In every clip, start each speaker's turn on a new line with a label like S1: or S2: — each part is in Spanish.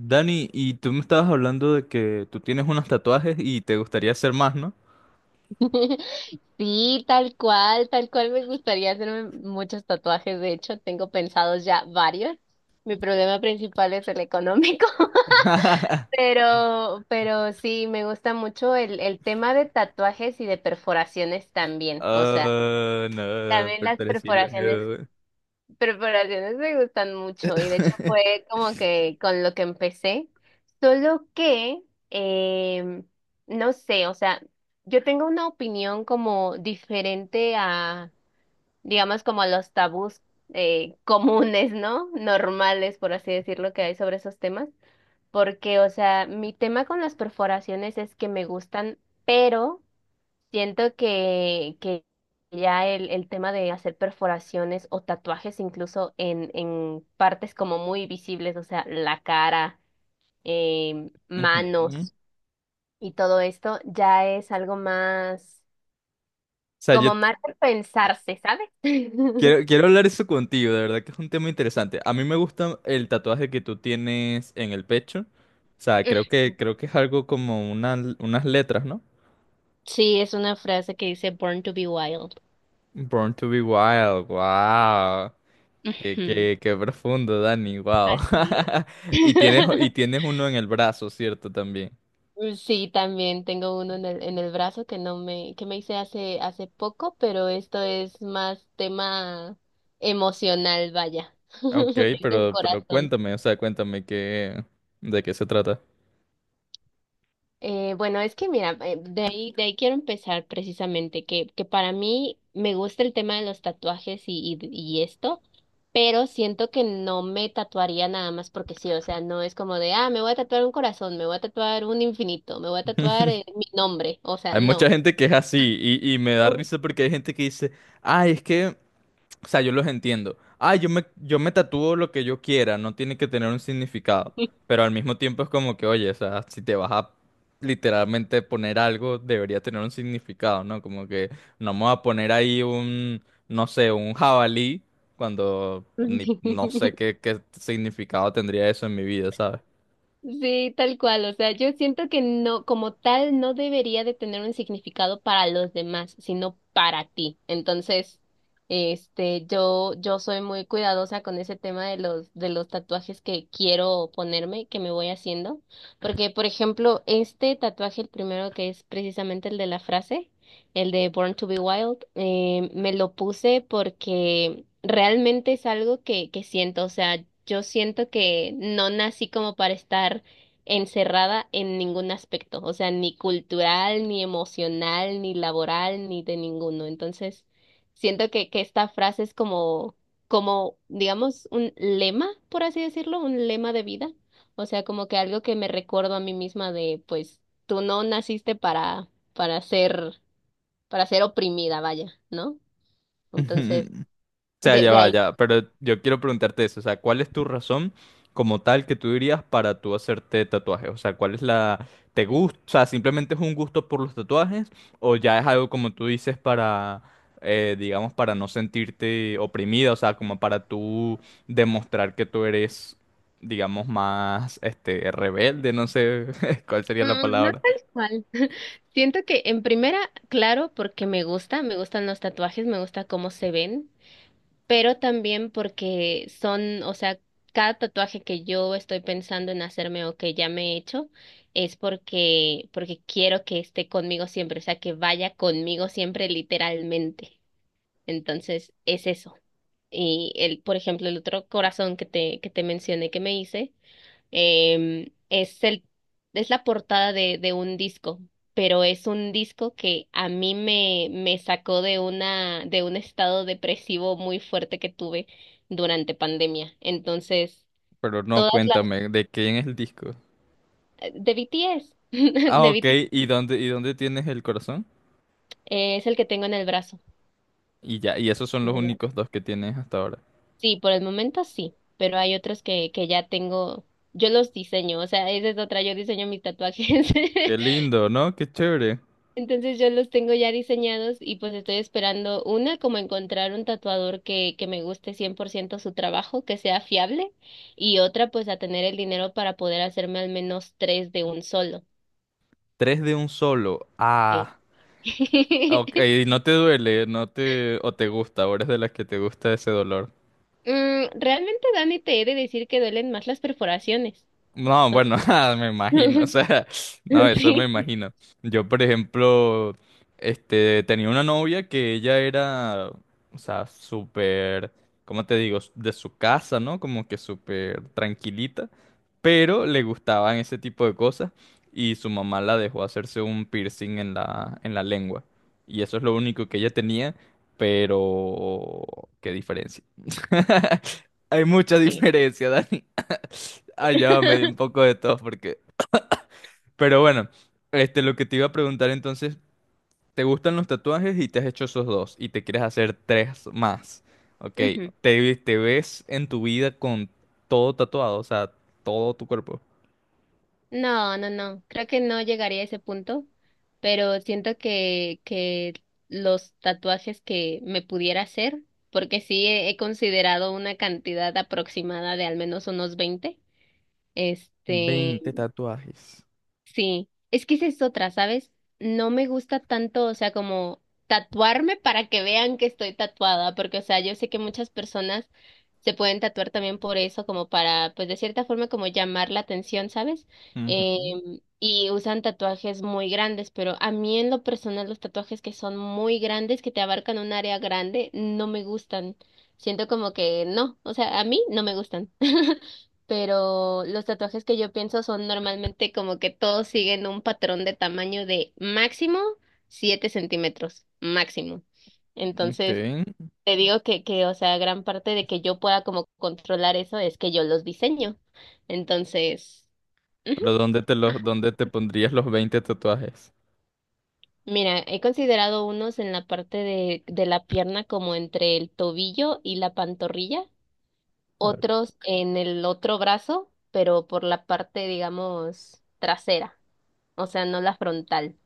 S1: Dani, y tú me estabas hablando de que tú tienes unos tatuajes y te gustaría hacer más, ¿no?
S2: Sí, tal cual me gustaría hacerme muchos tatuajes. De hecho, tengo pensados ya varios. Mi problema principal es el económico. Pero sí, me gusta mucho el tema de tatuajes y de perforaciones también. O sea,
S1: Ah, no,
S2: también las
S1: perforaciones
S2: perforaciones.
S1: no.
S2: Preparaciones me gustan mucho y de hecho fue como que con lo que empecé, solo que, em, no sé, o sea, yo tengo una opinión como diferente a, digamos, como a los tabús comunes, ¿no? Normales, por así decirlo, que hay sobre esos temas, porque, o sea, mi tema con las perforaciones es que me gustan, pero... Siento que ya el tema de hacer perforaciones o tatuajes incluso en partes como muy visibles, o sea, la cara,
S1: Ujú. O
S2: manos y todo esto, ya es algo más,
S1: sea, yo
S2: como más de pensarse, ¿sabes?
S1: quiero hablar eso contigo, de verdad que es un tema interesante. A mí me gusta el tatuaje que tú tienes en el pecho. O sea, creo que es algo como unas letras, ¿no?
S2: Sí, es una frase que dice Born to be wild.
S1: Born to be wild, wow. Qué,
S2: Ujú,
S1: qué, qué profundo, Dani, wow.
S2: así es.
S1: Y tienes, y tienes uno en el brazo, ¿cierto? También.
S2: Mm, sí, también tengo uno en el brazo que no me, que me hice hace poco, pero esto es más tema emocional, vaya.
S1: Ok,
S2: Es un
S1: pero
S2: corazón.
S1: cuéntame, o sea, cuéntame qué, de qué se trata.
S2: Bueno, es que mira, de ahí quiero empezar precisamente, que para mí me gusta el tema de los tatuajes y esto, pero siento que no me tatuaría nada más porque sí, o sea, no es como de, ah, me voy a tatuar un corazón, me voy a tatuar un infinito, me voy a tatuar mi nombre, o sea,
S1: Hay mucha
S2: no.
S1: gente que es así y me da risa porque hay gente que dice, ay, es que, o sea, yo los entiendo. Ay, yo me tatúo lo que yo quiera, no tiene que tener un significado. Pero al mismo tiempo es como que, oye, o sea, si te vas a literalmente poner algo, debería tener un significado, ¿no? Como que no me voy a poner ahí un, no sé, un jabalí cuando ni, no sé qué significado tendría eso en mi vida, ¿sabes?
S2: Sí, tal cual. O sea, yo siento que no, como tal, no debería de tener un significado para los demás, sino para ti. Entonces, este, yo soy muy cuidadosa con ese tema de los tatuajes que quiero ponerme, que me voy haciendo. Porque, por ejemplo, este tatuaje, el primero que es precisamente el de la frase, el de Born to be Wild, me lo puse porque realmente es algo que siento, o sea, yo siento que no nací como para estar encerrada en ningún aspecto, o sea, ni cultural, ni emocional, ni laboral, ni de ninguno. Entonces, siento que esta frase es como, como, digamos, un lema, por así decirlo, un lema de vida, o sea, como que algo que me recuerdo a mí misma de, pues, tú no naciste para ser, para ser oprimida, vaya, ¿no?
S1: Ujú.
S2: Entonces,
S1: O sea,
S2: de,
S1: ya
S2: de
S1: va,
S2: ahí
S1: ya, pero yo quiero preguntarte eso, o sea, ¿cuál es tu razón como tal que tú dirías para tú hacerte tatuajes? O sea, ¿cuál es la... ¿Te gusta? O sea, ¿simplemente es un gusto por los tatuajes o ya es algo como tú dices para, digamos, para no sentirte oprimida, o sea, como para tú demostrar que tú eres, digamos, más, este, rebelde, no sé cuál sería la
S2: Mm, no
S1: palabra,
S2: tal cual. Siento que en primera, claro, porque me gusta, me gustan los tatuajes, me gusta cómo se ven, pero también porque son, o sea, cada tatuaje que yo estoy pensando en hacerme o que ya me he hecho es porque quiero que esté conmigo siempre, o sea, que vaya conmigo siempre literalmente. Entonces, es eso. Y el, por ejemplo, el otro corazón que te mencioné que me hice. Es el, es la portada de un disco, pero es un disco que a mí me, me sacó de una, de un estado depresivo muy fuerte que tuve durante pandemia. Entonces,
S1: pero no,
S2: todas
S1: cuéntame, ¿de quién es el disco?
S2: las, de BTS,
S1: Ah,
S2: de
S1: ok,
S2: BTS,
S1: ¿y dónde tienes el corazón?
S2: es el que tengo en el brazo.
S1: Y ya, y esos son los
S2: En el brazo.
S1: únicos dos que tienes hasta ahora.
S2: Sí, por el momento sí, pero hay otros que ya tengo, yo los diseño, o sea, esa es otra, yo diseño mis tatuajes.
S1: Qué lindo, ¿no? Qué chévere.
S2: Entonces yo los tengo ya diseñados y pues estoy esperando una, como encontrar un tatuador que me guste 100% su trabajo, que sea fiable, y otra pues a tener el dinero para poder hacerme al menos tres de un solo.
S1: Tres de un solo.
S2: Sí.
S1: Ah. Ok, no te duele, no te... o te gusta, ahora es de las que te gusta ese dolor.
S2: Mm, realmente, Dani, te he de decir que duelen más las perforaciones.
S1: No, bueno, ah, me imagino, o sea, no, eso me
S2: Sí,
S1: imagino. Yo, por ejemplo, este, tenía una novia que ella era, o sea, súper, ¿cómo te digo? De su casa, ¿no? Como que súper tranquilita, pero le gustaban ese tipo de cosas y su mamá la dejó hacerse un piercing en la lengua. Y eso es lo único que ella tenía, pero, ¿qué diferencia? Hay mucha
S2: sí.
S1: diferencia, Dani. Ah, ya va, me dio un poco de tos porque... Pero bueno, este, lo que te iba a preguntar entonces, ¿te gustan los tatuajes y te has hecho esos dos y te quieres hacer tres más? Ok,
S2: Ujú.
S1: te ves en tu vida con todo tatuado, o sea, todo tu cuerpo?
S2: No, no, no. Creo que no llegaría a ese punto, pero siento que los tatuajes que me pudiera hacer, porque sí he considerado una cantidad aproximada de al menos unos 20, este.
S1: 20 tatuajes.
S2: Sí, es que esa es otra, ¿sabes? No me gusta tanto, o sea, como tatuarme para que vean que estoy tatuada, porque, o sea, yo sé que muchas personas se pueden tatuar también por eso, como para, pues, de cierta forma, como llamar la atención, ¿sabes? Eh,
S1: Ujú.
S2: y usan tatuajes muy grandes, pero a mí en lo personal los tatuajes que son muy grandes, que te abarcan un área grande, no me gustan. Siento como que no, o sea, a mí no me gustan. Pero los tatuajes que yo pienso son normalmente como que todos siguen un patrón de tamaño de máximo 7 centímetros, máximo. Entonces,
S1: Ok.
S2: te digo que, o sea, gran parte de que yo pueda como controlar eso es que yo los diseño. Entonces, ujú,
S1: Pero ¿dónde
S2: ajá.
S1: dónde te pondrías los 20 tatuajes?
S2: Mira, he considerado unos en la parte de la pierna como entre el tobillo y la pantorrilla,
S1: Ah.
S2: otros en el otro brazo, pero por la parte, digamos, trasera. O sea, no la frontal.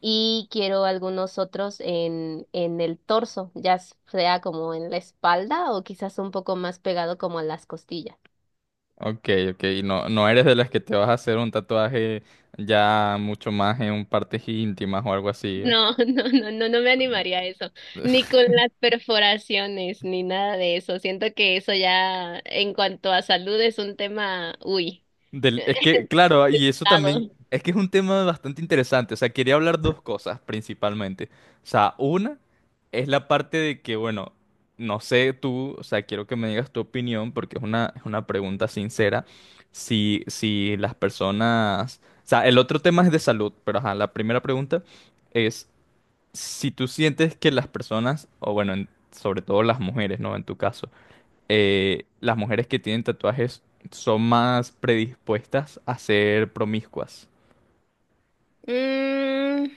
S2: Y quiero algunos otros en el torso, ya sea como en la espalda o quizás un poco más pegado como a las costillas.
S1: Ok, ok, y no eres de las que te vas a hacer un tatuaje ya mucho más en partes íntimas o algo así.
S2: No, no, no, no, no me animaría a eso, ni con las perforaciones, ni nada de eso. Siento que eso ya, en cuanto a salud, es un tema, uy,
S1: Es que, claro, y eso también,
S2: delicado.
S1: es que es un tema bastante interesante. O sea, quería hablar dos cosas principalmente. O sea, una es la parte de que, bueno, no sé tú, o sea, quiero que me digas tu opinión porque es una pregunta sincera. Si las personas, o sea, el otro tema es de salud, pero ajá, la primera pregunta es si tú sientes que las personas, o bueno, sobre todo las mujeres, ¿no? En tu caso las mujeres que tienen tatuajes son más predispuestas a ser promiscuas.
S2: Mm,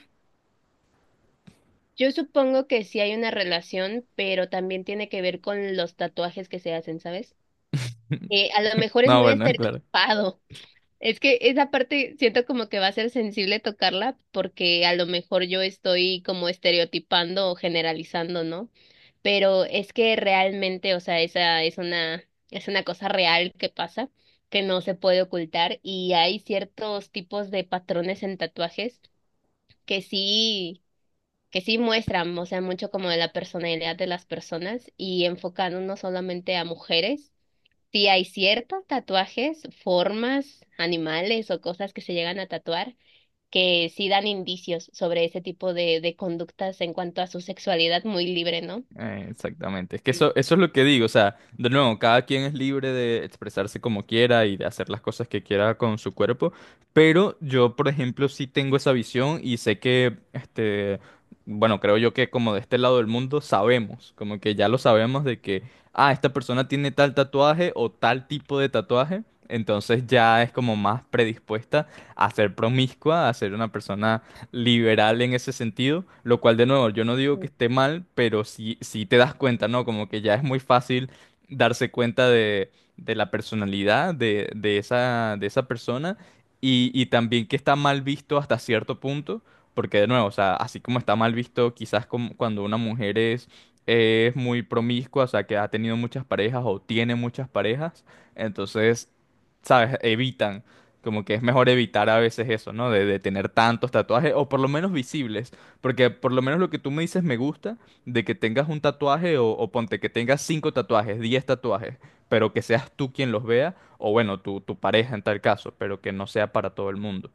S2: yo supongo que sí hay una relación, pero también tiene que ver con los tatuajes que se hacen, ¿sabes? A lo mejor es
S1: No,
S2: muy
S1: bueno, claro.
S2: estereotipado. Es que esa parte siento como que va a ser sensible tocarla porque a lo mejor yo estoy como estereotipando o generalizando, ¿no? Pero es que realmente, o sea, esa es una cosa real que pasa, que no se puede ocultar y hay ciertos tipos de patrones en tatuajes que sí, que sí muestran, o sea, mucho como de la personalidad de las personas y enfocan no solamente a mujeres. Sí, hay ciertos tatuajes, formas, animales o cosas que se llegan a tatuar que sí dan indicios sobre ese tipo de conductas en cuanto a su sexualidad muy libre, ¿no?
S1: Exactamente. Es que eso es lo que digo. O sea, de nuevo, cada quien es libre de expresarse como quiera y de hacer las cosas que quiera con su cuerpo. Pero yo, por ejemplo, sí tengo esa visión y sé que, este, bueno, creo yo que como de este lado del mundo sabemos, como que ya lo sabemos de que, ah, esta persona tiene tal tatuaje o tal tipo de tatuaje. Entonces ya es como más predispuesta a ser promiscua, a ser una persona liberal en ese sentido, lo cual de nuevo yo no digo que
S2: Mm.
S1: esté mal, pero sí, sí te das cuenta, ¿no? Como que ya es muy fácil darse cuenta de la personalidad de esa persona y también que está mal visto hasta cierto punto, porque de nuevo, o sea, así como está mal visto quizás como cuando una mujer es muy promiscua, o sea, que ha tenido muchas parejas o tiene muchas parejas, entonces ¿sabes? Evitan como que es mejor evitar a veces eso, ¿no? De tener tantos tatuajes, o por lo menos visibles. Porque por lo menos lo que tú me dices me gusta, de que tengas un tatuaje, o ponte que tengas cinco tatuajes, 10 tatuajes, pero que seas tú quien los vea, o bueno, tu pareja en tal caso, pero que no sea para todo el mundo.